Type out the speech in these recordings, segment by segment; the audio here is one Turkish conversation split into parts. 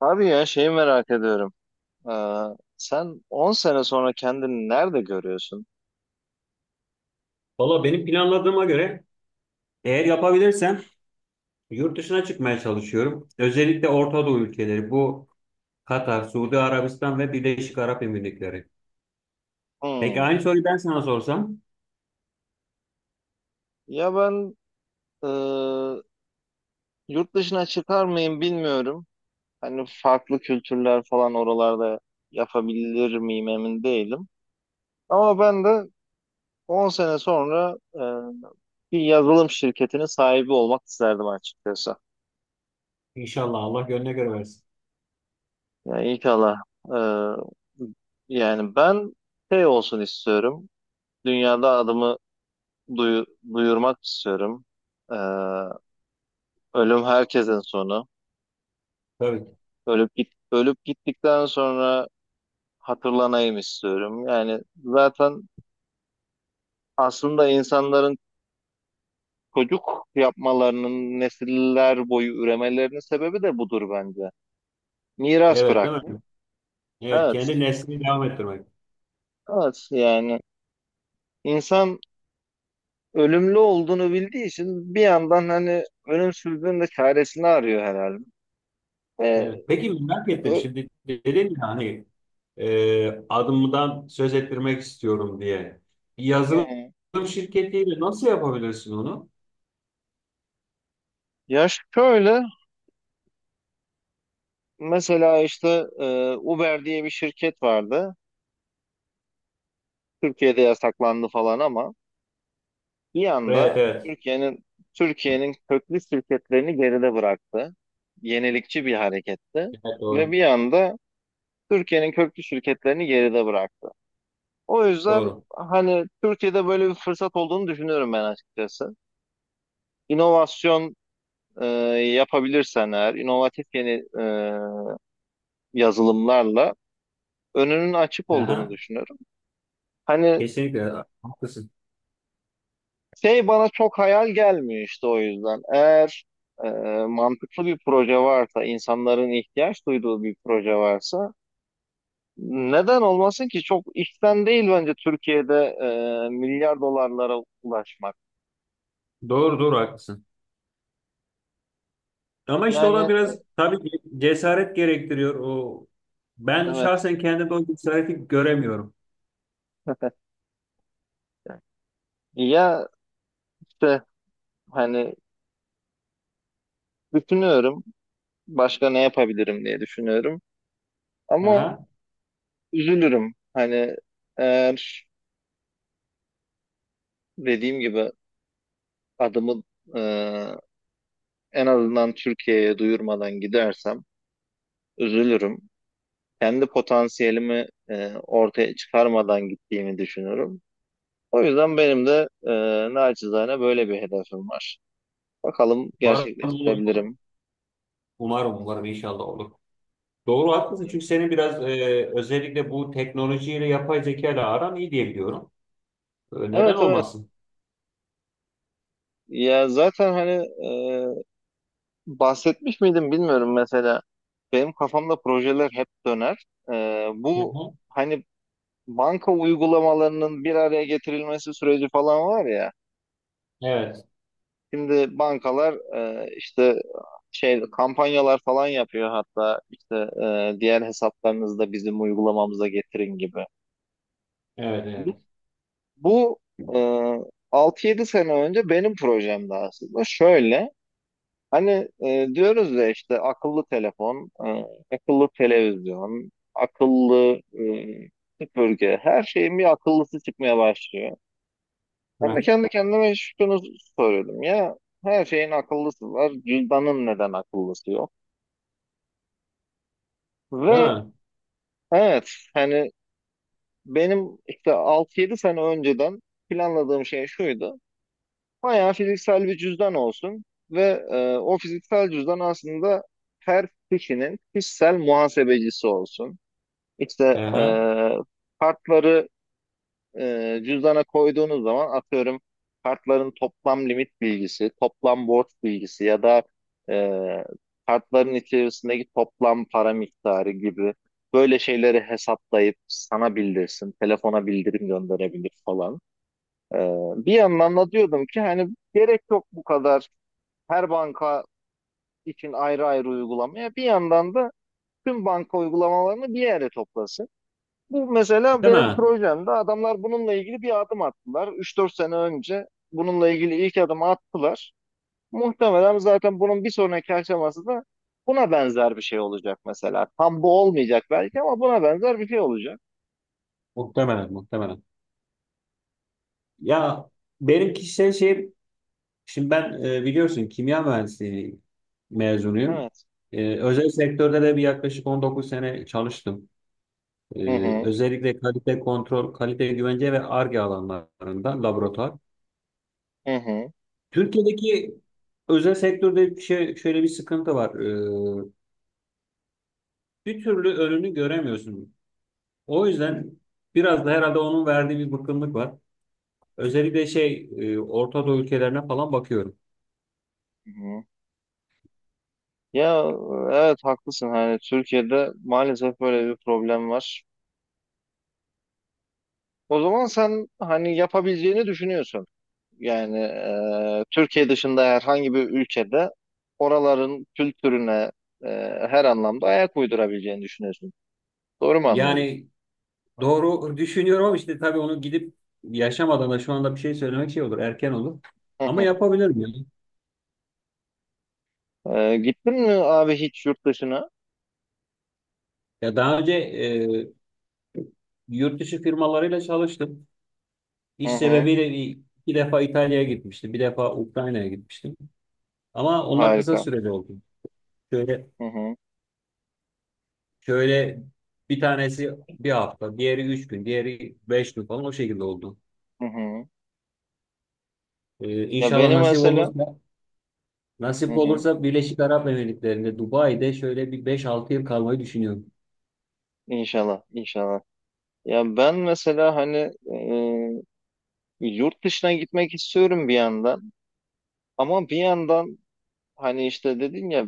Abi ya şeyi merak ediyorum. Ee, Sen 10 sene sonra kendini nerede görüyorsun? Valla benim planladığıma göre eğer yapabilirsem yurt dışına çıkmaya çalışıyorum. Özellikle Orta Doğu ülkeleri bu Katar, Suudi Arabistan ve Birleşik Arap Emirlikleri. Peki Hmm. aynı soruyu ben sana sorsam? Ya ben, e, yurt dışına çıkar mıyım bilmiyorum. Hani farklı kültürler falan oralarda yapabilir miyim emin değilim. Ama ben de 10 sene sonra bir yazılım şirketinin sahibi olmak isterdim açıkçası. İnşallah Allah gönlüne göre versin. Yani inşallah. e, Yani ben şey olsun istiyorum. Dünyada adımı duyu- duyurmak istiyorum. Ee, Ölüm herkesin sonu. Tabii ki. Ölüp gittikten sonra hatırlanayım istiyorum. Yani zaten aslında insanların çocuk yapmalarının nesiller boyu üremelerinin sebebi de budur bence. Miras Evet, değil bırakmak. mi? Evet, kendi Evet. neslini devam ettirmek. Evet, yani insan ölümlü olduğunu bildiği için bir yandan hani ölümsüzlüğün de çaresini arıyor herhalde. Ve Evet. Peki merak ettim, ö- şimdi dedin ya hani adımdan söz ettirmek istiyorum diye. Bir yazılım yani, şirketiyle nasıl yapabilirsin onu? ya şöyle, mesela işte, Uber diye bir şirket vardı. Türkiye'de yasaklandı falan ama bir Evet, anda evet. Türkiye'nin köklü şirketlerini geride bıraktı. Yenilikçi bir hareketti Evet, ve doğru. bir anda Türkiye'nin köklü şirketlerini geride bıraktı. O yüzden Doğru. hani Türkiye'de böyle bir fırsat olduğunu düşünüyorum ben açıkçası. İnovasyon, e, yapabilirsen eğer, inovatif yeni, yazılımlarla önünün açık olduğunu Aha. düşünüyorum. Hani Kesinlikle haklısın. şey bana çok hayal gelmiyor işte o yüzden. Eğer e, mantıklı bir proje varsa, insanların ihtiyaç duyduğu bir proje varsa neden olmasın ki? Çok işten değil bence Türkiye'de milyar dolarlara ulaşmak. Doğru, doğru, haklısın. Ama işte o da Yani biraz tabii ki cesaret gerektiriyor. O ben evet. şahsen kendimde o cesareti göremiyorum. Ya işte hani düşünüyorum başka ne yapabilirim diye düşünüyorum ama Aha. üzülürüm hani eğer dediğim gibi adımı, e, en azından Türkiye'ye duyurmadan gidersem üzülürüm. Kendi potansiyelimi ortaya çıkarmadan gittiğimi düşünürüm. O yüzden benim de naçizane böyle bir hedefim var. Bakalım Umarım olur. gerçekleştirebilirim. Umarım, umarım, inşallah olur. Doğru, haklısın, çünkü senin biraz özellikle bu teknolojiyle yapay zeka ile aran iyi diye biliyorum. Neden Evet, evet. olmasın? Ya zaten hani, e, bahsetmiş miydim bilmiyorum mesela. Benim kafamda projeler hep döner. E, Hı bu hı. hani banka uygulamalarının bir araya getirilmesi süreci falan var ya. Evet. Şimdi bankalar işte şey kampanyalar falan yapıyor, hatta işte diğer hesaplarınızda bizim uygulamamıza getirin gibi. Evet. Bu, Evet. bu e, 6-7 sene önce benim projemdi aslında. Şöyle hani, diyoruz ya işte akıllı telefon, akıllı televizyon, akıllı, süpürge, her şeyin bir akıllısı çıkmaya başlıyor. Hı Ben de hı. kendi kendime şunu soruyordum ya, her şeyin akıllısı var cüzdanın neden akıllısı yok? Değil Ve mi? evet, hani benim işte 6 yedi sene önceden planladığım şey şuydu. Bayağı fiziksel bir cüzdan olsun ve o fiziksel cüzdan aslında her kişinin kişisel muhasebecisi olsun. Hı İşte e, hı. kartları, cüzdana koyduğunuz zaman, atıyorum, kartların toplam limit bilgisi, toplam borç bilgisi ya da e, kartların içerisindeki toplam para miktarı gibi böyle şeyleri hesaplayıp sana bildirsin, telefona bildirim gönderebilir falan. E, Bir yandan da diyordum ki hani, gerek yok bu kadar her banka için ayrı ayrı uygulamaya. Bir yandan da tüm banka uygulamalarını bir yere toplasın. Bu mesela Değil benim mi? projemde adamlar bununla ilgili bir adım attılar. 3-4 sene önce bununla ilgili ilk adımı attılar. Muhtemelen zaten bunun bir sonraki aşaması da buna benzer bir şey olacak mesela. Tam bu olmayacak belki ama buna benzer bir şey olacak. Muhtemelen, muhtemelen. Ya, benim kişisel şey, şimdi ben, biliyorsun, kimya mühendisliği mezunuyum. Evet. Özel sektörde de bir yaklaşık 19 sene çalıştım. E, Hı hı. özellikle kalite kontrol, kalite güvence ve Ar-Ge alanlarında laboratuvar. Hı hı. Türkiye'deki özel sektörde bir şey, şöyle bir sıkıntı var. E, bir türlü önünü göremiyorsun. O yüzden biraz da herhalde onun verdiği bir bıkkınlık var. Özellikle şey Orta Doğu ülkelerine falan bakıyorum. Hı hı. Ya evet haklısın, hani Türkiye'de maalesef böyle bir problem var. O zaman sen hani yapabileceğini düşünüyorsun. Yani Türkiye dışında herhangi bir ülkede oraların kültürüne e, her anlamda ayak uydurabileceğini düşünüyorsun. Doğru mu anlıyorum? Yani doğru düşünüyorum, ama işte tabii onu gidip yaşamadan da şu anda bir şey söylemek şey olur, erken olur. Hı Ama hı. yapabilirim yani. Gittin mi abi hiç yurt dışına? Ya daha önce yurt dışı firmalarıyla çalıştım. Hı İş hı. sebebiyle bir, iki defa İtalya'ya gitmiştim, bir defa Ukrayna'ya gitmiştim. Ama onlar kısa Harika. süreli oldu. Şöyle, Hı hı. şöyle, bir tanesi bir hafta, diğeri üç gün, diğeri beş gün falan o şekilde oldu. Hı hı. Ya İnşallah benim nasip mesela, olursa, hı nasip hı. olursa Birleşik Arap Emirlikleri'nde, Dubai'de şöyle bir beş altı yıl kalmayı düşünüyorum. İnşallah, inşallah. Ya ben mesela hani e, yurt dışına gitmek istiyorum bir yandan, ama bir yandan hani işte dedin ya,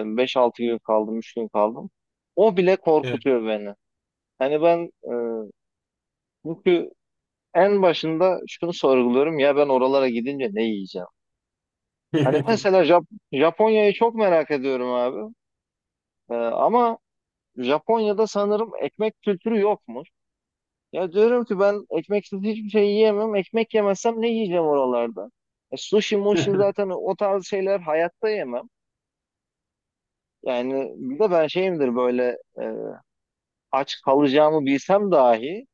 5-6 gün kaldım, 3 gün kaldım. O bile korkutuyor beni. Hani ben, çünkü en başında şunu sorguluyorum ya, ben oralara gidince ne yiyeceğim? Hani mesela Japonya'yı çok merak ediyorum abi. E, ama Japonya'da sanırım ekmek kültürü yokmuş. Ya diyorum ki ben ekmeksiz hiçbir şey yiyemem. Ekmek yemezsem ne yiyeceğim oralarda? E, sushi, mushi, zaten o tarz şeyler hayatta yemem. Yani bir de ben şeyimdir böyle, aç kalacağımı bilsem dahi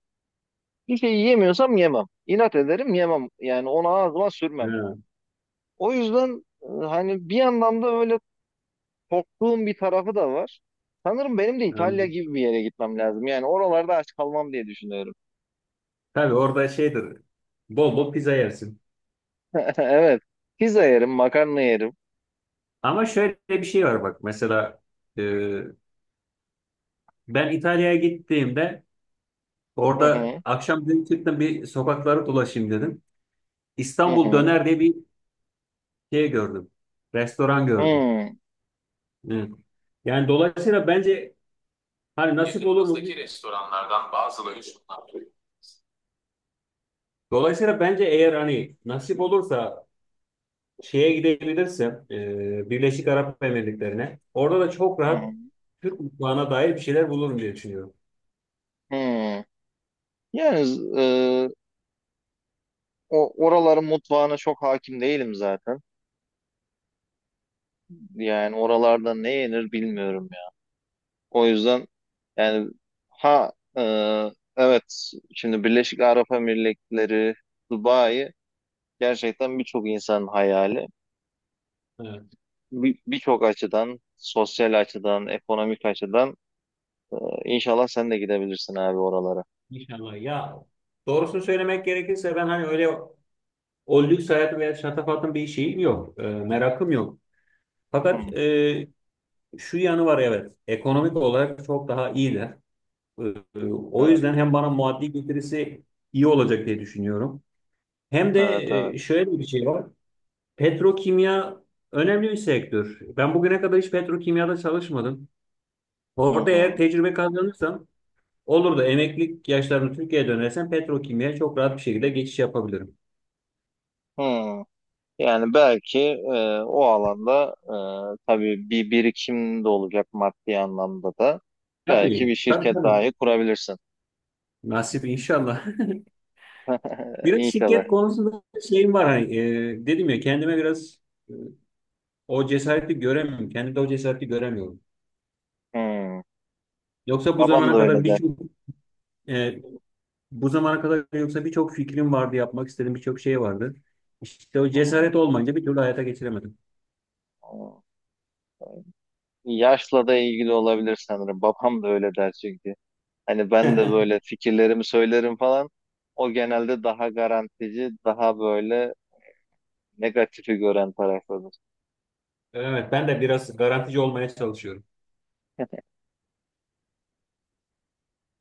bir şey yiyemiyorsam yemem. İnat ederim, yemem. Yani onu ağzıma sürmem. Ha, O yüzden, hani bir yandan da öyle korktuğum bir tarafı da var. Sanırım benim de İtalya anladım. gibi bir yere gitmem lazım. Yani oralarda aç kalmam diye düşünüyorum. Tabii orada şeydir. Bol bol pizza yersin. Evet. Pizza yerim, makarna yerim. Ama şöyle bir şey var bak. Mesela e, ben İtalya'ya gittiğimde Hı orada hı, akşam dedim, çıktım bir sokakları dolaşayım dedim. hı İstanbul hı, Döner diye bir şey gördüm. Restoran gördüm. hı Evet. Yani dolayısıyla bence, hani, nasip olur mu? Dolayısıyla bence eğer hani nasip olursa şeye gidebilirsin, Birleşik Arap Emirlikleri'ne. Orada da çok hı, rahat Türk mutfağına dair bir şeyler bulurum diye düşünüyorum. hı. Yani e, o oraların mutfağına çok hakim değilim zaten. Yani oralarda ne yenir bilmiyorum ya. O yüzden yani, ha, evet, şimdi Birleşik Arap Emirlikleri, Dubai gerçekten birçok insanın hayali. Evet, Birçok açıdan, sosyal açıdan, ekonomik açıdan. İnşallah sen de gidebilirsin abi oralara. inşallah. Ya, doğrusunu söylemek gerekirse ben hani öyle o lüks hayatı veya şatafatın bir şeyim yok. Merakım yok. Hı, Fakat şu yanı var, evet. Ekonomik olarak çok daha iyiler. E, o evet, yüzden hem bana maddi getirisi iyi olacak diye düşünüyorum. Hem de evet, evet. Şöyle bir şey var. Petrokimya önemli bir sektör. Ben bugüne kadar hiç petrokimyada çalışmadım. Hı Orada eğer hı. tecrübe kazanırsam olur da emeklilik yaşlarını Türkiye'ye dönersem petrokimyaya çok rahat bir şekilde geçiş yapabilirim. Hı. Yani belki o alanda tabii bir birikim de olacak, maddi anlamda da. Belki bir Tabii, tabii, şirket tabii. dahi kurabilirsin. Nasip inşallah. Biraz İnşallah. şirket konusunda şeyim var. Hani, dedim ya kendime, biraz e, o cesareti göremiyorum. Kendimde o cesareti göremiyorum. Hı. Yoksa bu Babam da zamana kadar öyle der. birçok e, Bu zamana kadar yoksa birçok fikrim vardı, yapmak istediğim birçok şey vardı. İşte o Hı hı. cesaret olmayınca bir türlü hayata geçiremedim. Yaşla da ilgili olabilir sanırım. Babam da öyle der çünkü. Hani ben de böyle fikirlerimi söylerim falan. O genelde daha garantici, daha böyle negatifi gören taraftadır. Evet, ben de biraz garantici olmaya çalışıyorum.